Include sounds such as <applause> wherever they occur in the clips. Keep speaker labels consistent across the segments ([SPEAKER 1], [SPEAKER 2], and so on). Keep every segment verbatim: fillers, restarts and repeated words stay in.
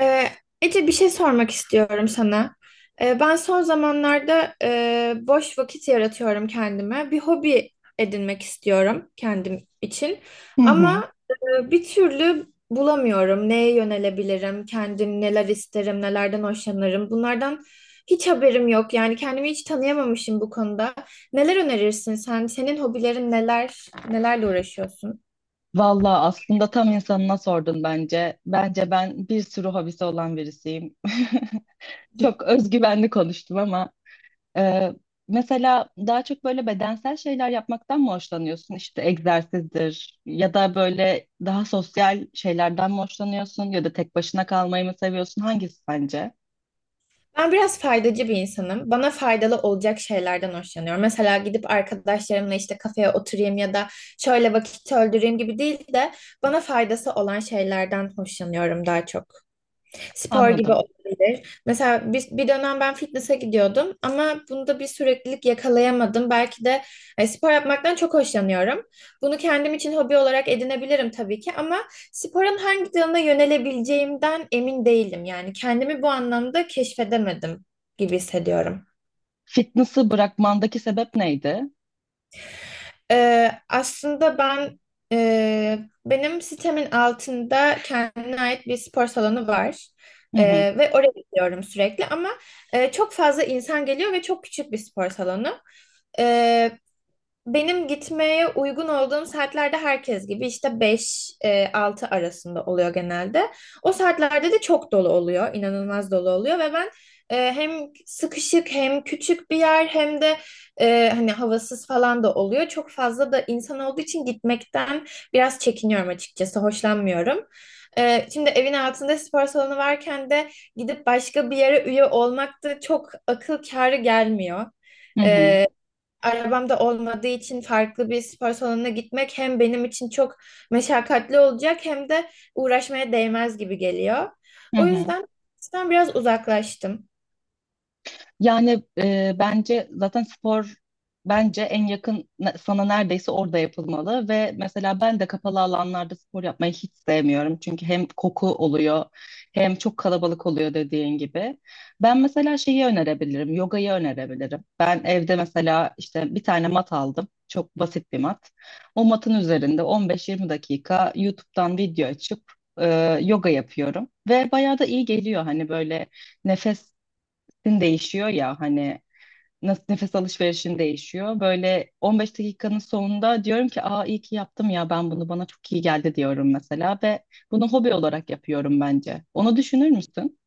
[SPEAKER 1] Ee, Ece bir şey sormak istiyorum sana. Ee, ben son zamanlarda e, boş vakit yaratıyorum kendime. Bir hobi edinmek istiyorum kendim için.
[SPEAKER 2] Hı hı.
[SPEAKER 1] Ama e, bir türlü bulamıyorum. Neye yönelebilirim? Kendim neler isterim? Nelerden hoşlanırım? Bunlardan hiç haberim yok. Yani kendimi hiç tanıyamamışım bu konuda. Neler önerirsin sen? Senin hobilerin neler? Nelerle uğraşıyorsun?
[SPEAKER 2] Valla aslında tam insanına sordun bence. Bence ben bir sürü hobisi olan birisiyim. <laughs> Çok özgüvenli konuştum ama e, mesela daha çok böyle bedensel şeyler yapmaktan mı hoşlanıyorsun? İşte egzersizdir ya da böyle daha sosyal şeylerden mi hoşlanıyorsun ya da tek başına kalmayı mı seviyorsun? Hangisi sence?
[SPEAKER 1] Ben biraz faydacı bir insanım. Bana faydalı olacak şeylerden hoşlanıyorum. Mesela gidip arkadaşlarımla işte kafeye oturayım ya da şöyle vakit öldüreyim gibi değil de bana faydası olan şeylerden hoşlanıyorum daha çok. Spor gibi
[SPEAKER 2] Anladım.
[SPEAKER 1] olabilir. Mesela bir, bir dönem ben fitness'a gidiyordum ama bunda bir süreklilik yakalayamadım. Belki de e, spor yapmaktan çok hoşlanıyorum. Bunu kendim için hobi olarak edinebilirim tabii ki ama sporun hangi dalına yönelebileceğimden emin değilim. Yani kendimi bu anlamda keşfedemedim gibi hissediyorum.
[SPEAKER 2] Fitness'ı bırakmandaki sebep neydi?
[SPEAKER 1] Ee, aslında ben e, benim sitemin altında kendine ait bir spor salonu var.
[SPEAKER 2] Hı
[SPEAKER 1] Ee,
[SPEAKER 2] hı.
[SPEAKER 1] ve oraya gidiyorum sürekli ama e, çok fazla insan geliyor ve çok küçük bir spor salonu. Benim gitmeye uygun olduğum saatlerde herkes gibi işte beş altı arasında oluyor genelde. O saatlerde de çok dolu oluyor, inanılmaz dolu oluyor ve ben e, hem sıkışık hem küçük bir yer hem de e, hani havasız falan da oluyor. Çok fazla da insan olduğu için gitmekten biraz çekiniyorum açıkçası, hoşlanmıyorum. E, şimdi evin altında spor salonu varken de gidip başka bir yere üye olmak da çok akıl kârı gelmiyor,
[SPEAKER 2] Hı hı.
[SPEAKER 1] arabam da olmadığı için farklı bir spor salonuna gitmek hem benim için çok meşakkatli olacak hem de uğraşmaya değmez gibi geliyor.
[SPEAKER 2] Hı
[SPEAKER 1] O
[SPEAKER 2] hı.
[SPEAKER 1] yüzden ben biraz uzaklaştım.
[SPEAKER 2] Yani e, bence zaten spor bence en yakın ne- sana neredeyse orada yapılmalı ve mesela ben de kapalı alanlarda spor yapmayı hiç sevmiyorum. Çünkü hem koku oluyor hem çok kalabalık oluyor dediğin gibi. Ben mesela şeyi önerebilirim, yogayı önerebilirim. Ben evde mesela işte bir tane mat aldım. Çok basit bir mat. O matın üzerinde on beş yirmi dakika YouTube'dan video açıp e, yoga yapıyorum ve bayağı da iyi geliyor hani böyle nefes din değişiyor ya hani nasıl nefes alışverişin değişiyor. Böyle on beş dakikanın sonunda diyorum ki aa iyi ki yaptım ya ben bunu bana çok iyi geldi diyorum mesela ve bunu hobi olarak yapıyorum bence. Onu düşünür müsün?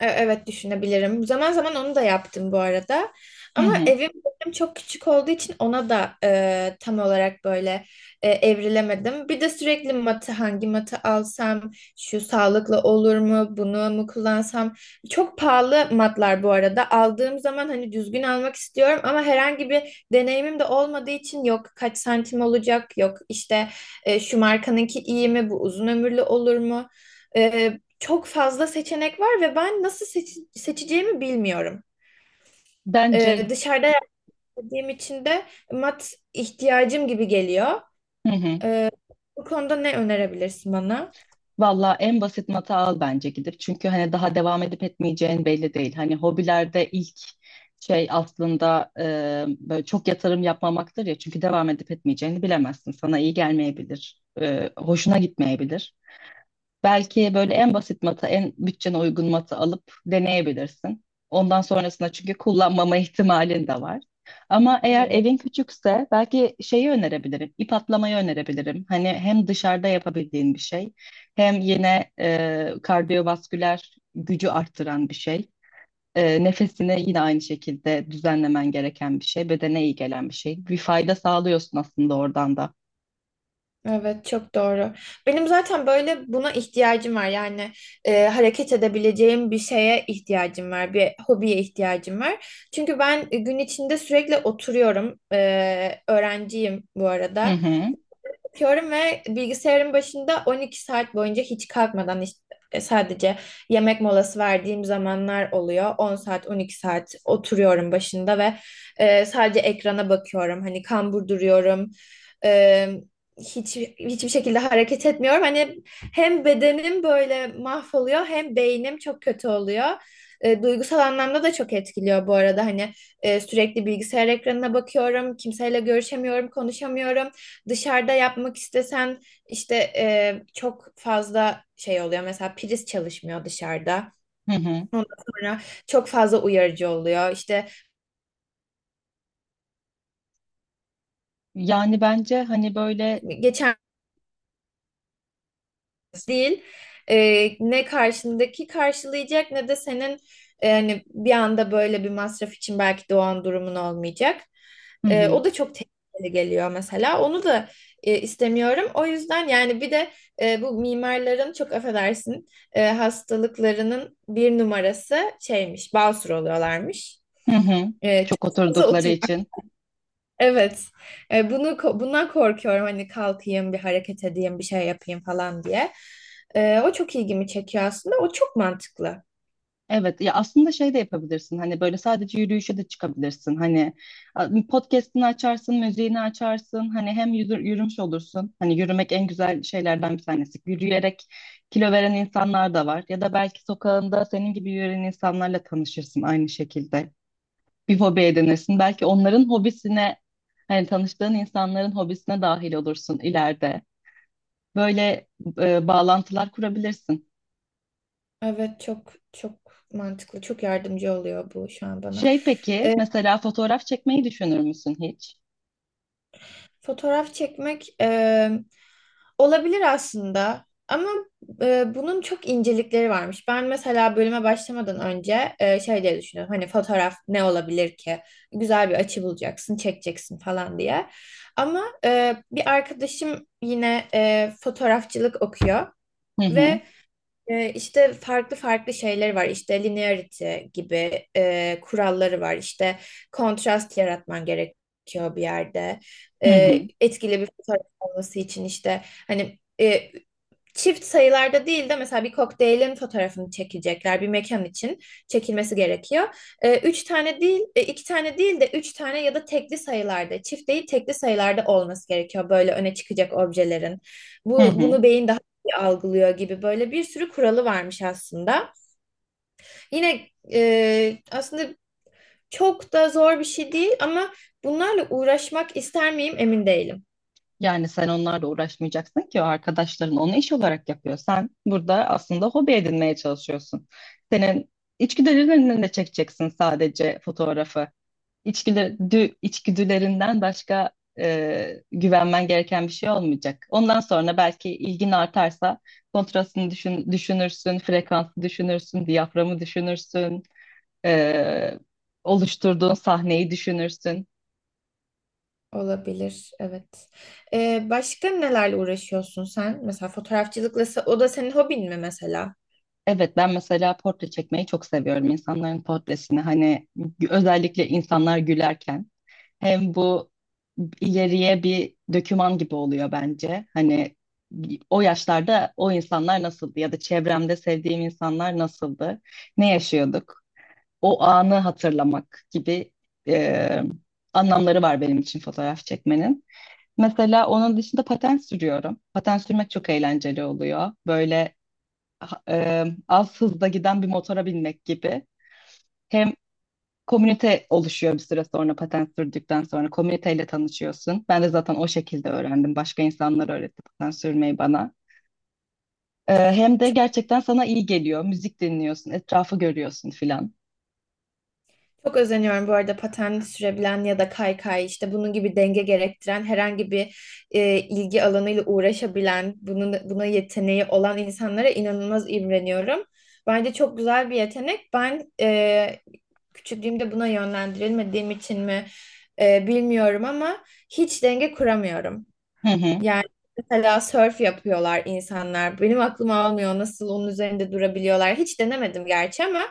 [SPEAKER 1] E, Evet düşünebilirim. Zaman zaman onu da yaptım bu arada.
[SPEAKER 2] Hı
[SPEAKER 1] Ama
[SPEAKER 2] hı.
[SPEAKER 1] evim benim çok küçük olduğu için ona da e, tam olarak böyle e, evrilemedim. Bir de sürekli matı, hangi matı alsam, şu sağlıklı olur mu, bunu mu kullansam. Çok pahalı matlar bu arada. Aldığım zaman hani düzgün almak istiyorum ama herhangi bir deneyimim de olmadığı için yok kaç santim olacak, yok işte e, şu markanınki iyi mi, bu uzun ömürlü olur mu? E, Çok fazla seçenek var ve ben nasıl seçi- seçeceğimi bilmiyorum.
[SPEAKER 2] Bence
[SPEAKER 1] Ee, dışarıda yaşadığım için de mat ihtiyacım gibi geliyor.
[SPEAKER 2] hı hı.
[SPEAKER 1] Ee, Bu konuda ne önerebilirsin bana?
[SPEAKER 2] Valla en basit mata al bence gidip. Çünkü hani daha devam edip etmeyeceğin belli değil. Hani hobilerde ilk şey aslında e, böyle çok yatırım yapmamaktır ya. Çünkü devam edip etmeyeceğini bilemezsin. Sana iyi gelmeyebilir. E, hoşuna gitmeyebilir. Belki böyle en basit matı, en bütçene uygun matı alıp deneyebilirsin. Ondan sonrasında çünkü kullanmama <laughs> ihtimalin de var. Ama eğer
[SPEAKER 1] Evet.
[SPEAKER 2] evin küçükse belki şeyi önerebilirim, ip atlamayı önerebilirim. Hani hem dışarıda yapabildiğin bir şey, hem yine e, kardiyovasküler gücü arttıran bir şey. E, nefesini yine aynı şekilde düzenlemen gereken bir şey, bedene iyi gelen bir şey. Bir fayda sağlıyorsun aslında oradan da.
[SPEAKER 1] Evet, çok doğru. Benim zaten böyle buna ihtiyacım var. Yani e, hareket edebileceğim bir şeye ihtiyacım var, bir hobiye ihtiyacım var. Çünkü ben e, gün içinde sürekli oturuyorum. Ee, öğrenciyim bu
[SPEAKER 2] Hı
[SPEAKER 1] arada.
[SPEAKER 2] hı,
[SPEAKER 1] Yatıyorum ve bilgisayarın başında on iki saat boyunca hiç kalkmadan işte sadece yemek molası verdiğim zamanlar oluyor. On saat, on iki saat oturuyorum başında ve e, sadece ekrana bakıyorum. Hani kambur duruyorum. E, hiç hiçbir şekilde hareket etmiyorum. Hani hem bedenim böyle mahvoluyor hem beynim çok kötü oluyor. E, duygusal anlamda da çok etkiliyor bu arada. Hani e, sürekli bilgisayar ekranına bakıyorum. Kimseyle görüşemiyorum, konuşamıyorum. Dışarıda yapmak istesen işte e, çok fazla şey oluyor. Mesela priz çalışmıyor dışarıda.
[SPEAKER 2] hı hı.
[SPEAKER 1] Ondan sonra çok fazla uyarıcı oluyor. İşte
[SPEAKER 2] Yani bence hani böyle...
[SPEAKER 1] geçen değil. Ee, ne karşındaki karşılayacak ne de senin e, hani bir anda böyle bir masraf için belki doğan durumun olmayacak.
[SPEAKER 2] Hı
[SPEAKER 1] Ee,
[SPEAKER 2] hı.
[SPEAKER 1] o da çok tehlikeli geliyor mesela. Onu da e, istemiyorum. O yüzden yani bir de e, bu mimarların çok affedersin e, hastalıklarının bir numarası şeymiş, basur oluyorlarmış.
[SPEAKER 2] Hı hı.
[SPEAKER 1] E, çok
[SPEAKER 2] Çok
[SPEAKER 1] fazla
[SPEAKER 2] oturdukları
[SPEAKER 1] otur
[SPEAKER 2] için.
[SPEAKER 1] Evet. E, bunu ko- bundan korkuyorum hani kalkayım bir hareket edeyim bir şey yapayım falan diye. E, o çok ilgimi çekiyor aslında. O çok mantıklı.
[SPEAKER 2] Evet ya aslında şey de yapabilirsin hani böyle sadece yürüyüşe de çıkabilirsin hani a- podcast'ini açarsın müziğini açarsın hani hem yürü- yürümüş olursun hani yürümek en güzel şeylerden bir tanesi yürüyerek kilo veren insanlar da var ya da belki sokağında senin gibi yürüyen insanlarla tanışırsın aynı şekilde bir hobi edinirsin belki onların hobisine hani tanıştığın insanların hobisine dahil olursun ileride böyle e, bağlantılar kurabilirsin.
[SPEAKER 1] Evet, çok çok mantıklı. Çok yardımcı oluyor bu şu an bana.
[SPEAKER 2] Şey peki,
[SPEAKER 1] E,
[SPEAKER 2] mesela fotoğraf çekmeyi düşünür müsün hiç?
[SPEAKER 1] Fotoğraf çekmek e, olabilir aslında ama e, bunun çok incelikleri varmış. Ben mesela bölüme başlamadan önce e, şey diye düşünüyorum. Hani fotoğraf ne olabilir ki? Güzel bir açı bulacaksın, çekeceksin falan diye. Ama e, bir arkadaşım yine e, fotoğrafçılık okuyor
[SPEAKER 2] Hı hı,
[SPEAKER 1] ve ee, işte farklı farklı şeyler var. İşte linearity gibi e, kuralları var. İşte kontrast yaratman gerekiyor bir yerde.
[SPEAKER 2] hı
[SPEAKER 1] Ee,
[SPEAKER 2] hı,
[SPEAKER 1] etkili bir fotoğraf olması için işte hani e, çift sayılarda değil de mesela bir kokteylin fotoğrafını çekecekler, bir mekan için çekilmesi gerekiyor. Ee, üç tane değil, e, iki tane değil de üç tane ya da tekli sayılarda, çift değil tekli sayılarda olması gerekiyor böyle öne çıkacak objelerin.
[SPEAKER 2] hı
[SPEAKER 1] Bu
[SPEAKER 2] hı.
[SPEAKER 1] bunu beyin daha iyi algılıyor gibi böyle bir sürü kuralı varmış aslında. Yine e, aslında çok da zor bir şey değil ama bunlarla uğraşmak ister miyim emin değilim.
[SPEAKER 2] Yani sen onlarla uğraşmayacaksın ki o arkadaşların onu iş olarak yapıyor. Sen burada aslında hobi edinmeye çalışıyorsun. Senin içgüdülerinden de çekeceksin sadece fotoğrafı. İçgüdü, dü- içgüdülerinden başka e, güvenmen gereken bir şey olmayacak. Ondan sonra belki ilgin artarsa kontrastını düşün, düşünürsün, frekansı düşünürsün, diyaframı düşünürsün. e, Oluşturduğun sahneyi düşünürsün.
[SPEAKER 1] Olabilir, evet. Ee, başka nelerle uğraşıyorsun sen? Mesela fotoğrafçılıkla, se- o da senin hobin mi mesela?
[SPEAKER 2] Evet ben mesela portre çekmeyi çok seviyorum insanların portresini hani özellikle insanlar gülerken hem bu ileriye bir döküman gibi oluyor bence. Hani o yaşlarda o insanlar nasıldı ya da çevremde sevdiğim insanlar nasıldı? Ne yaşıyorduk? O anı hatırlamak gibi e, anlamları var benim için fotoğraf çekmenin. Mesela onun dışında paten sürüyorum. Paten sürmek çok eğlenceli oluyor. Böyle ha- e, az hızda giden bir motora binmek gibi. Hem komünite oluşuyor bir süre sonra paten sürdükten sonra komüniteyle tanışıyorsun. Ben de zaten o şekilde öğrendim. Başka insanlar öğretti paten sürmeyi bana. E, hem de gerçekten sana iyi geliyor. Müzik dinliyorsun, etrafı görüyorsun filan.
[SPEAKER 1] Çok özeniyorum bu arada paten sürebilen ya da kaykay işte bunun gibi denge gerektiren herhangi bir e, ilgi alanıyla uğraşabilen, bunun buna yeteneği olan insanlara inanılmaz imreniyorum. Bence çok güzel bir yetenek. Ben e, küçüklüğümde buna yönlendirilmediğim için mi e, bilmiyorum ama hiç denge kuramıyorum.
[SPEAKER 2] Hı hı.
[SPEAKER 1] Yani mesela surf yapıyorlar insanlar. Benim aklım almıyor nasıl onun üzerinde durabiliyorlar. Hiç denemedim gerçi ama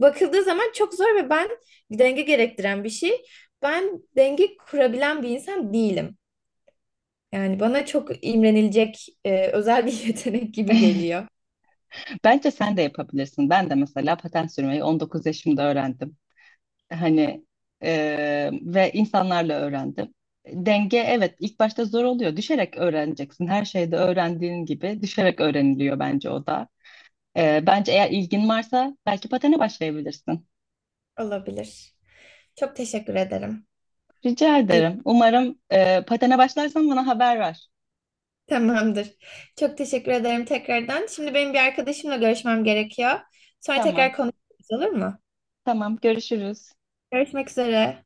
[SPEAKER 1] bakıldığı zaman çok zor ve ben denge gerektiren bir şey. Ben denge kurabilen bir insan değilim. Yani bana çok imrenilecek e, özel bir <laughs> yetenek gibi
[SPEAKER 2] <laughs>
[SPEAKER 1] geliyor.
[SPEAKER 2] Bence sen de yapabilirsin. Ben de mesela paten sürmeyi on dokuz yaşımda öğrendim. Hani e, ve insanlarla öğrendim. Denge evet ilk başta zor oluyor. Düşerek öğreneceksin. Her şeyde öğrendiğin gibi düşerek öğreniliyor bence o da. E, bence eğer ilgin varsa belki patene başlayabilirsin.
[SPEAKER 1] Olabilir. Çok teşekkür ederim.
[SPEAKER 2] Rica
[SPEAKER 1] İyi,
[SPEAKER 2] ederim. Umarım e, patene başlarsan bana haber ver.
[SPEAKER 1] tamamdır. Çok teşekkür ederim tekrardan. Şimdi benim bir arkadaşımla görüşmem gerekiyor. Sonra
[SPEAKER 2] Tamam.
[SPEAKER 1] tekrar konuşuruz, olur mu?
[SPEAKER 2] Tamam. Görüşürüz.
[SPEAKER 1] Görüşmek üzere.